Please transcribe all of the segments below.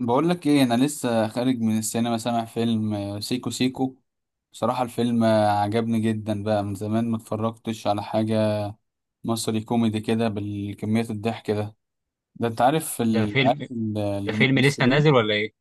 بقول لك ايه؟ انا لسه خارج من السينما، سامع فيلم سيكو سيكو. بصراحة الفيلم عجبني جدا، بقى من زمان ما اتفرجتش على حاجة مصري كوميدي كده بالكمية الضحك ده. ده انت عارف ده ال- عارف فيلم ال- ده فيلم لسه نازل الممثلين. ولا ايه؟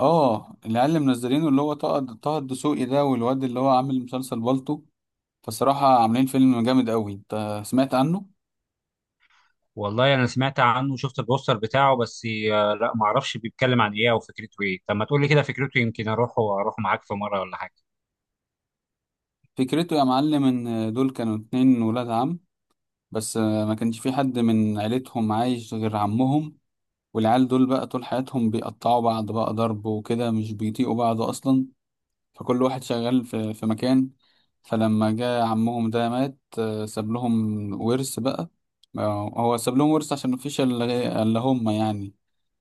اه، العيال اللي منزلينه اللي هو طه الدسوقي ده، والواد اللي هو عامل مسلسل بالطو. فصراحة عاملين فيلم جامد قوي، انت سمعت عنه؟ والله انا سمعت عنه وشفت البوستر بتاعه بس. لا ما اعرفش بيتكلم عن ايه او فكرته ايه. طب ما تقول لي كده فكرته يمكن اروح واروح معاك في مره ولا حاجه. فكرته يا معلم ان دول كانوا اتنين ولاد عم، بس ما كانش في حد من عيلتهم عايش غير عمهم. والعيال دول بقى طول حياتهم بيقطعوا بعض، بقى ضرب وكده، مش بيطيقوا بعض أصلا. فكل واحد شغال في مكان. فلما جه عمهم ده مات، ساب لهم ورث بقى. هو ساب لهم ورث عشان مفيش إلا هم يعني،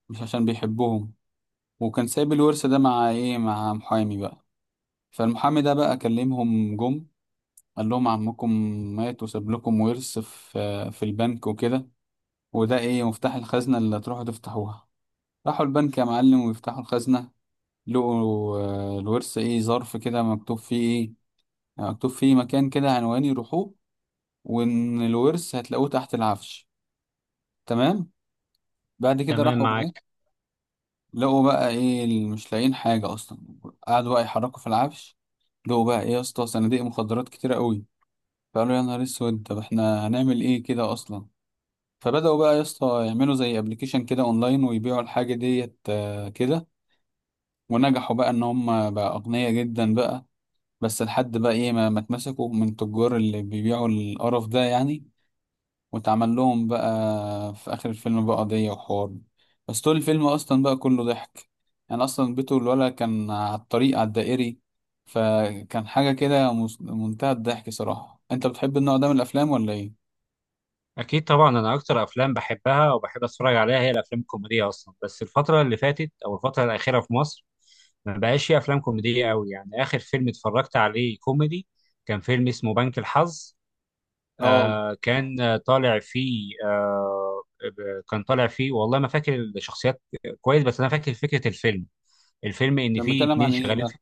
مش عشان بيحبوهم. وكان سايب الورث ده مع إيه؟ مع محامي بقى. فالمحامي ده بقى كلمهم، جم قال لهم: عمكم مات، وساب لكم ورث في البنك وكده، وده إيه؟ مفتاح الخزنة اللي هتروحوا تفتحوها. راحوا البنك يا معلم ويفتحوا الخزنة، لقوا الورث ايه؟ ظرف كده مكتوب فيه ايه؟ مكتوب فيه مكان كده، عنوان يروحوه، وان الورث هتلاقوه تحت العفش. تمام. بعد كده تمام راحوا هناك، معاك. لقوا بقى ايه؟ اللي مش لاقيين حاجة اصلا. قعدوا بقى يحركوا في العفش، لقوا بقى ايه يا اسطى؟ صناديق مخدرات كتيرة قوي. فقالوا يا نهار اسود، طب احنا هنعمل ايه كده اصلا؟ فبدأوا بقى يا اسطى يعملوا زي ابلكيشن كده اونلاين، ويبيعوا الحاجة ديت كده. ونجحوا بقى ان هم بقى اغنياء جدا بقى. بس لحد بقى ايه؟ ما اتمسكوا من التجار اللي بيبيعوا القرف ده يعني، واتعمل لهم بقى في اخر الفيلم بقى قضية وحوار. بس طول الفيلم اصلا بقى كله ضحك. يعني اصلا بيته الولد كان على الطريق على الدائري، فكان حاجة كده منتهى الضحك صراحة. انت بتحب النوع ده من الافلام ولا ايه؟ اكيد طبعا، انا اكتر افلام بحبها وبحب اتفرج عليها هي الافلام الكوميديه اصلا، بس الفتره اللي فاتت او الفتره الاخيره في مصر ما بقاش في افلام كوميديه قوي. يعني اخر فيلم اتفرجت عليه كوميدي كان فيلم اسمه بنك الحظ. اه. آه كان طالع فيه آه، كان طالع فيه والله ما فاكر الشخصيات كويس، بس انا فاكر فكره الفيلم. الفيلم ان كان فيه بيتكلم اتنين عن ايه شغالين ده؟ في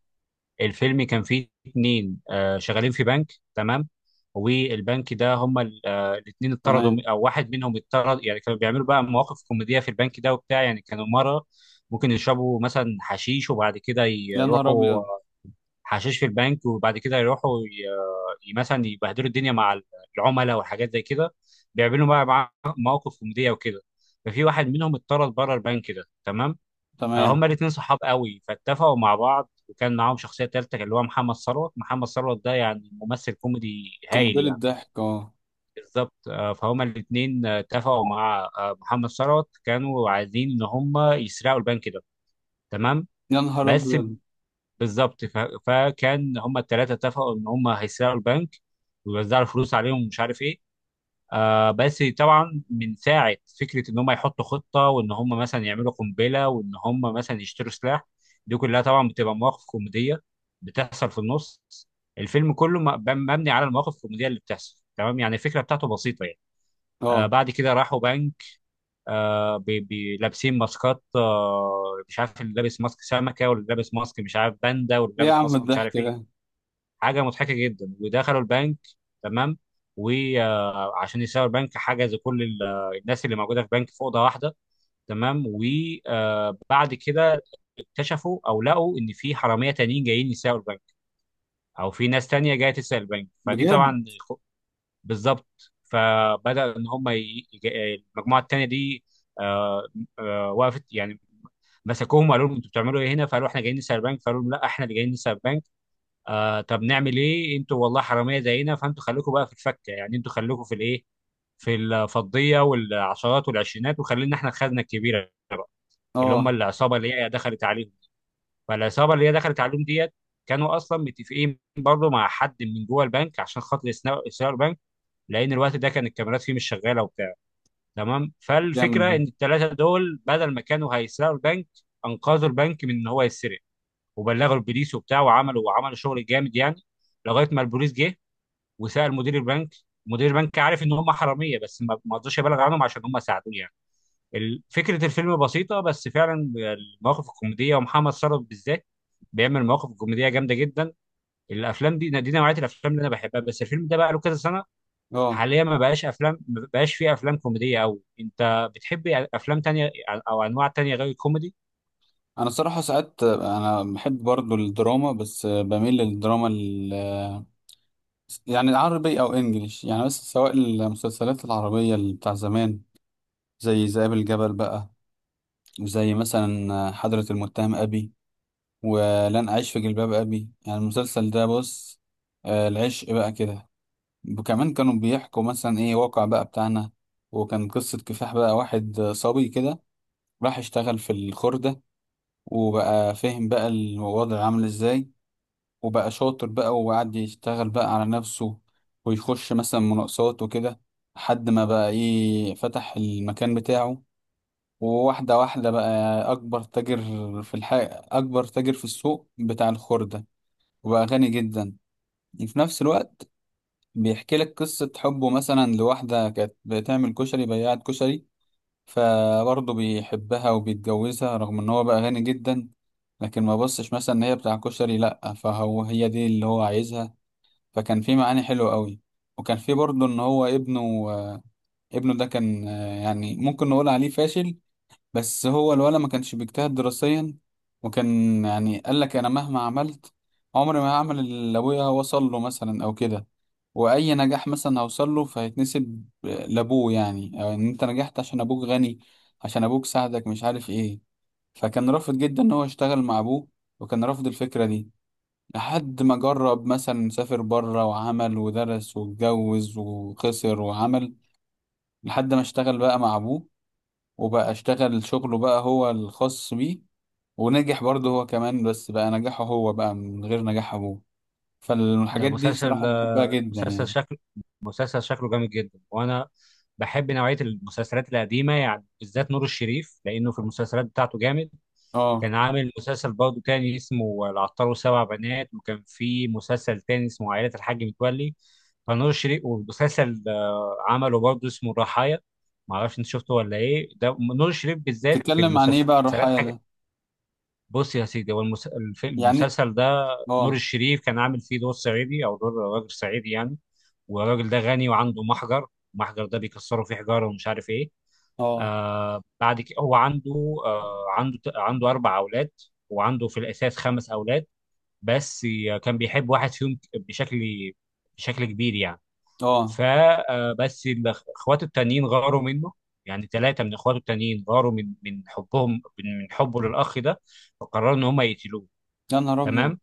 الفيلم، كان فيه اتنين آه شغالين في بنك. تمام. والبنك ده هما الاتنين اتطردوا تمام. او واحد منهم اتطرد. يعني كانوا بيعملوا بقى مواقف كوميديه في البنك ده وبتاع، يعني كانوا مره ممكن يشربوا مثلا حشيش وبعد كده يا نهار يروحوا، ابيض. حشيش في البنك وبعد كده يروحوا مثلا يبهدلوا الدنيا مع العملاء وحاجات زي كده. بيعملوا بقى مواقف كوميديه وكده. ففي واحد منهم اتطرد بره البنك ده. تمام. تمام. هما الاثنين صحاب قوي، فاتفقوا مع بعض، وكان معاهم شخصيه ثالثه اللي هو محمد ثروت. محمد ثروت ده يعني ممثل كوميدي هايل قنبلة يعني. ضحك، اه. بالظبط. فهما الاثنين اتفقوا مع محمد ثروت، كانوا عايزين ان هما يسرقوا البنك ده. تمام. يا نهار بس ابيض. بالظبط فكان هم الثلاثه اتفقوا ان هم هيسرقوا البنك ويوزعوا الفلوس عليهم ومش عارف ايه. آه بس طبعا من ساعه فكره ان هم يحطوا خطه وان هم مثلا يعملوا قنبله وان هم مثلا يشتروا سلاح، دي كلها طبعا بتبقى مواقف كوميديه بتحصل في النص. الفيلم كله مبني على المواقف الكوميديه اللي بتحصل. تمام، يعني الفكره بتاعته بسيطه يعني. آه اه. بعد كده راحوا بنك، آه لابسين ماسكات آه، مش عارف اللي لابس ماسك سمكه واللي لابس ماسك مش عارف باندا واللي ايه يا لابس عم ماسك مش الضحك عارف ده؟ ايه. حاجه مضحكه جدا. ودخلوا البنك، تمام، وعشان يسرقوا البنك حجزوا كل الناس اللي موجوده في البنك في اوضه واحده. تمام، وبعد كده اكتشفوا او لقوا ان في حراميه تانيين جايين يسرقوا البنك، او في ناس تانيه جايه تسرق البنك. فدي بجد. طبعا بالظبط. فبدا ان هم المجموعه التانيه دي آه، وقفت يعني، مسكوهم وقالوا لهم انتوا بتعملوا ايه هنا؟ فقالوا احنا جايين نسرق البنك، فقالوا لهم لا احنا اللي جايين نسرق البنك. آه طب نعمل ايه؟ انتوا والله حراميه زينا، فانتوا خليكم بقى في الفكه يعني، انتوا خليكم في الايه، في الفضيه والعشرات والعشرينات، وخلينا احنا الخزنه الكبيره بقى، اللي هم اه. العصابه اللي هي دخلت عليهم. فالعصابه اللي هي دخلت عليهم ديت كانوا اصلا متفقين برضه مع حد من جوه البنك عشان خاطر يسرقوا البنك، لان الوقت ده كان الكاميرات فيه مش شغاله وبتاع. تمام. جامد فالفكره ده. ان الثلاثه دول بدل ما كانوا هيسرقوا البنك، انقذوا البنك من ان هو يتسرق، وبلغوا البوليس وبتاع، وعملوا شغل جامد يعني. لغايه ما البوليس جه وسأل مدير البنك، مدير البنك عارف ان هم حراميه بس ما رضاش يبلغ عنهم عشان هم ساعدوه يعني. فكره الفيلم بسيطه، بس فعلا المواقف الكوميديه ومحمد ثروت بالذات بيعمل مواقف كوميديه جامده جدا. الافلام دي نوعيه الافلام اللي انا بحبها، بس الفيلم ده بقى له كذا سنه. اه. حاليا ما بقاش افلام، ما بقاش فيه افلام كوميديه قوي. انت بتحب افلام تانية او انواع تانية غير الكوميدي؟ انا الصراحه ساعات انا بحب برضو الدراما، بس بميل للدراما ال، يعني العربي او انجليش يعني. بس سواء المسلسلات العربيه اللي بتاع زمان، زي ذئاب الجبل بقى، وزي مثلا حضرة المتهم ابي، ولن اعيش في جلباب ابي، يعني المسلسل ده بص العشق بقى كده. وكمان كانوا بيحكوا مثلا ايه؟ واقع بقى بتاعنا. وكان قصة كفاح بقى، واحد صبي كده راح اشتغل في الخردة، وبقى فهم بقى الوضع عامل ازاي، وبقى شاطر بقى وقعد يشتغل بقى على نفسه، ويخش مثلا مناقصات وكده، لحد ما بقى ايه؟ فتح المكان بتاعه. وواحدة واحدة بقى أكبر تاجر في الح... أكبر تاجر في السوق بتاع الخردة. وبقى غني جدا. وفي نفس الوقت بيحكي لك قصة حبه مثلا لواحدة كانت بتعمل كشري، بياعة كشري، فبرضه بيحبها وبيتجوزها رغم إن هو بقى غني جدا. لكن ما بصش مثلا إن هي بتاع كشري، لأ، فهو هي دي اللي هو عايزها. فكان في معاني حلوة قوي. وكان في برضه ان هو ابنه، آه، ابنه ده كان يعني ممكن نقول عليه فاشل. بس هو الولد ما كانش بيجتهد دراسيا، وكان يعني قال لك انا مهما عملت عمري ما هعمل اللي ابويا وصل له مثلا او كده. واي نجاح مثلا هوصل له فهيتنسب لابوه يعني، او ان انت نجحت عشان ابوك غني، عشان ابوك ساعدك، مش عارف ايه. فكان رافض جدا ان هو يشتغل مع ابوه، وكان رافض الفكرة دي. لحد ما جرب، مثلا سافر بره وعمل ودرس واتجوز وخسر وعمل، لحد ما اشتغل بقى مع ابوه، وبقى اشتغل شغله بقى هو الخاص بيه. ونجح برضه هو كمان، بس بقى نجاحه هو بقى من غير نجاح ابوه. ده فالحاجات دي مسلسل، صراحة بحبها جدا مسلسل يعني. شكل، مسلسل شكله جامد جدا. وانا بحب نوعيه المسلسلات القديمه يعني، بالذات نور الشريف لانه في المسلسلات بتاعته جامد. اه. كان عامل مسلسل برضه تاني اسمه العطار وسبع بنات، وكان في مسلسل تاني اسمه عائله الحاج متولي. فنور الشريف ومسلسل عمله برضه اسمه الرحايا، معرفش انت شفته ولا ايه؟ ده نور الشريف بالذات في بتتكلم عن ايه بقى المسلسلات. الرحايا ده؟ بص يا سيدي، هو يعني. المسلسل ده نور اه. الشريف كان عامل فيه دور صعيدي او دور راجل صعيدي يعني، والراجل ده غني وعنده محجر، المحجر ده بيكسروا فيه حجاره ومش عارف ايه. اه. آه بعد كده هو عنده آه عنده عنده اربع اولاد، وعنده في الاساس خمس اولاد، بس كان بيحب واحد فيهم بشكل، بشكل كبير يعني. اه. فبس الاخوات التانيين غاروا منه، يعني ثلاثه من اخواته التانيين غاروا من حبهم، من حبه للاخ ده، فقرروا ان هم يقتلوه. يا نهار ابيض. تمام.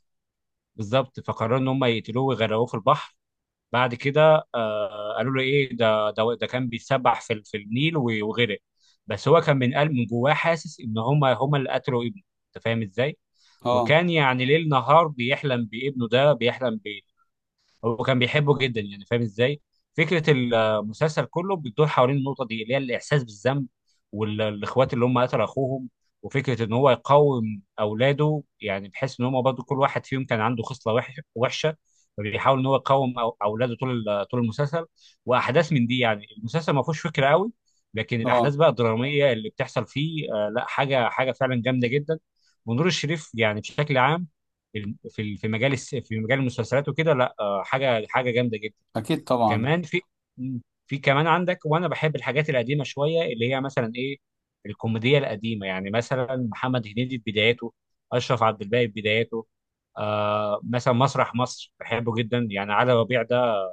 بالظبط فقرروا ان هم يقتلوه ويغرقوه في البحر. بعد كده آه قالوا له ايه ده كان بيتسبح في في النيل وغرق. بس هو كان من قلب من جواه حاسس ان هم اللي قتلوا ابنه، انت فاهم ازاي؟ اه. وكان يعني ليل نهار بيحلم بابنه ده، بيحلم، هو كان بيحبه جدا يعني، فاهم ازاي؟ فكره المسلسل كله بتدور حوالين النقطه دي اللي هي الاحساس بالذنب، والاخوات اللي هم قتلوا اخوهم، وفكره ان هو يقاوم اولاده، يعني بحيث ان هم برضه كل واحد فيهم كان عنده خصله وحشه، فبيحاول ان هو يقاوم اولاده طول طول المسلسل، واحداث من دي يعني. المسلسل ما فيهوش فكره قوي، لكن اه. الاحداث بقى الدراميه اللي بتحصل فيه آه لا، حاجه حاجه فعلا جامده جدا. ونور الشريف يعني بشكل عام في في مجال في مجال المسلسلات وكده لا، حاجه حاجه جامده جدا. اكيد طبعا. كمان في، مم، في كمان عندك، وانا بحب الحاجات القديمه شويه اللي هي مثلا ايه، الكوميديا القديمه يعني مثلا محمد هنيدي في بداياته، اشرف عبد الباقي في بداياته، آه مثلا مسرح مصر بحبه جدا، يعني علي ربيع ده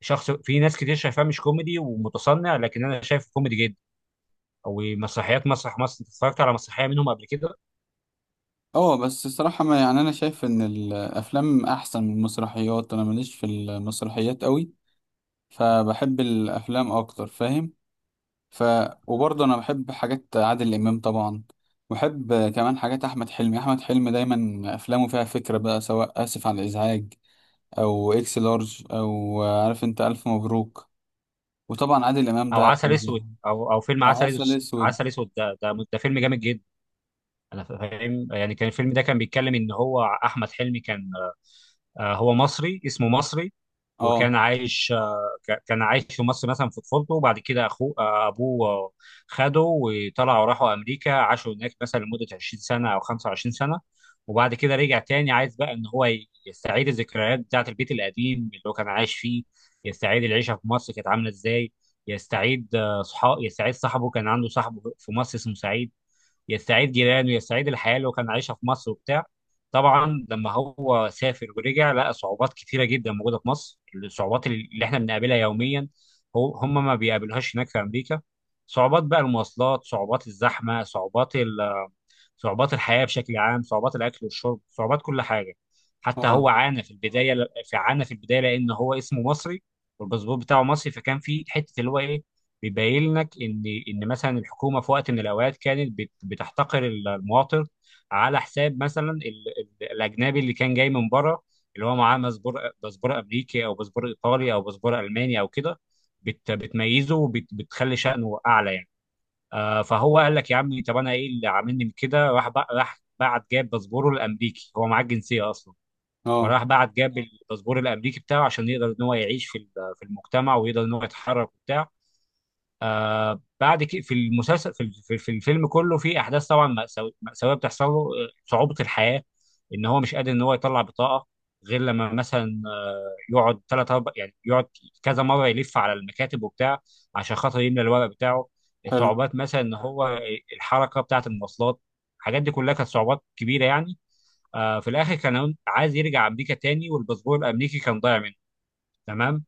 شخص، في ناس كتير شايفاه مش كوميدي ومتصنع لكن انا شايفه كوميدي جدا. او مسرحيات مسرح مصر، انت اتفرجت على مسرحيه منهم قبل كده؟ اه، بس الصراحة ما يعني، أنا شايف إن الأفلام أحسن من المسرحيات، أنا ماليش في المسرحيات قوي. فبحب الأفلام أكتر، فاهم؟ ف وبرضه أنا بحب حاجات عادل إمام طبعا، وبحب كمان حاجات أحمد حلمي. أحمد حلمي دايما أفلامه فيها فكرة بقى، سواء آسف على الإزعاج، أو إكس لارج، أو عارف أنت ألف مبروك. وطبعا عادل إمام او ده عسل اسود، او او فيلم أو عسل عسل اسود، أسود. عسل اسود ده ده فيلم جامد جدا. انا فاهم، يعني كان الفيلم ده كان بيتكلم ان هو احمد حلمي كان هو مصري، اسمه مصري، اه. وكان عايش كان عايش في مصر مثلا في طفولته، وبعد كده اخوه آه، ابوه خده وطلعوا راحوا امريكا، عاشوا هناك مثلا لمده 20 سنه او 25 سنه. وبعد كده رجع تاني عايز بقى ان هو يستعيد الذكريات بتاعه، البيت القديم اللي هو كان عايش فيه، يستعيد العيشه في مصر كانت عامله ازاي، يستعيد آه، صحاب يستعيد صاحبه، كان عنده صاحبه في مصر اسمه سعيد، يستعيد جيرانه، يستعيد الحياه اللي هو كان عايشها في مصر وبتاع. طبعا لما هو سافر ورجع، لقى صعوبات كتيره جدا موجوده في مصر، الصعوبات اللي احنا بنقابلها يوميا هو هم ما بيقابلوهاش هناك في امريكا. صعوبات بقى المواصلات، صعوبات الزحمه، صعوبات صعوبات الحياة بشكل عام، صعوبات الأكل والشرب، صعوبات كل حاجة. حتى اه. هو عانى في البداية، عانى في البداية لأن هو اسمه مصري والباسبور بتاعه مصري. فكان في حتة اللي هو إيه، بيبين لك إن مثلا الحكومة في وقت من الأوقات كانت بتحتقر المواطن على حساب مثلا الأجنبي اللي كان جاي من بره، اللي هو معاه باسبور أمريكي أو باسبور إيطالي أو باسبور ألماني أو كده، بتميزه وبتخلي شأنه أعلى يعني. فهو قال لك يا عم طب انا ايه اللي عاملني من كده؟ راح راح بعت جاب باسبوره الامريكي، هو معاه الجنسيه اصلا، اه. وراح بعت جاب الباسبور الامريكي بتاعه عشان يقدر ان هو يعيش في في المجتمع ويقدر ان هو يتحرك وبتاع. آه بعد كده في المسلسل في الفيلم كله في احداث طبعا مأساويه بتحصل له، صعوبه الحياه ان هو مش قادر ان هو يطلع بطاقه غير لما مثلا يقعد ثلاث اربع يعني، يقعد كذا مره يلف على المكاتب وبتاع عشان خاطر يملى الورق بتاعه. حلو. صعوبات مثلا ان هو الحركه بتاعه، المواصلات، الحاجات دي كلها كانت صعوبات كبيره يعني. آه في الاخر كان عايز يرجع امريكا تاني، والباسبور الامريكي كان ضايع منه. تمام.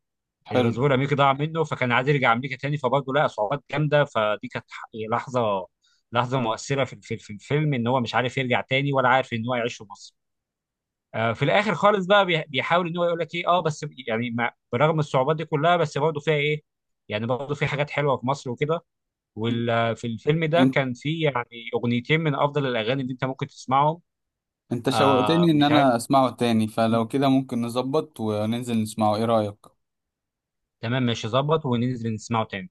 حلو، الباسبور الامريكي ضاع منه، فكان عايز يرجع امريكا تاني، فبرضه لقى صعوبات جامده، فدي كانت لحظه، لحظه مؤثره في الفيلم، ان هو مش عارف يرجع تاني ولا عارف ان هو يعيش في مصر. في الاخر خالص بقى بيحاول ان هو يقول لك ايه، اه بس يعني برغم الصعوبات دي كلها بس برضه فيها ايه، يعني برضه في حاجات حلوه في مصر وكده. وفي الفيلم ده كان في يعني اغنيتين من افضل الاغاني اللي انت ممكن تسمعهم. انت آه شوقتني ان مش عارف. انا اسمعه تاني، فلو مم. كده ممكن نظبط وننزل نسمعه، ايه رأيك؟ تمام ماشي، ظبط وننزل نسمعه تاني.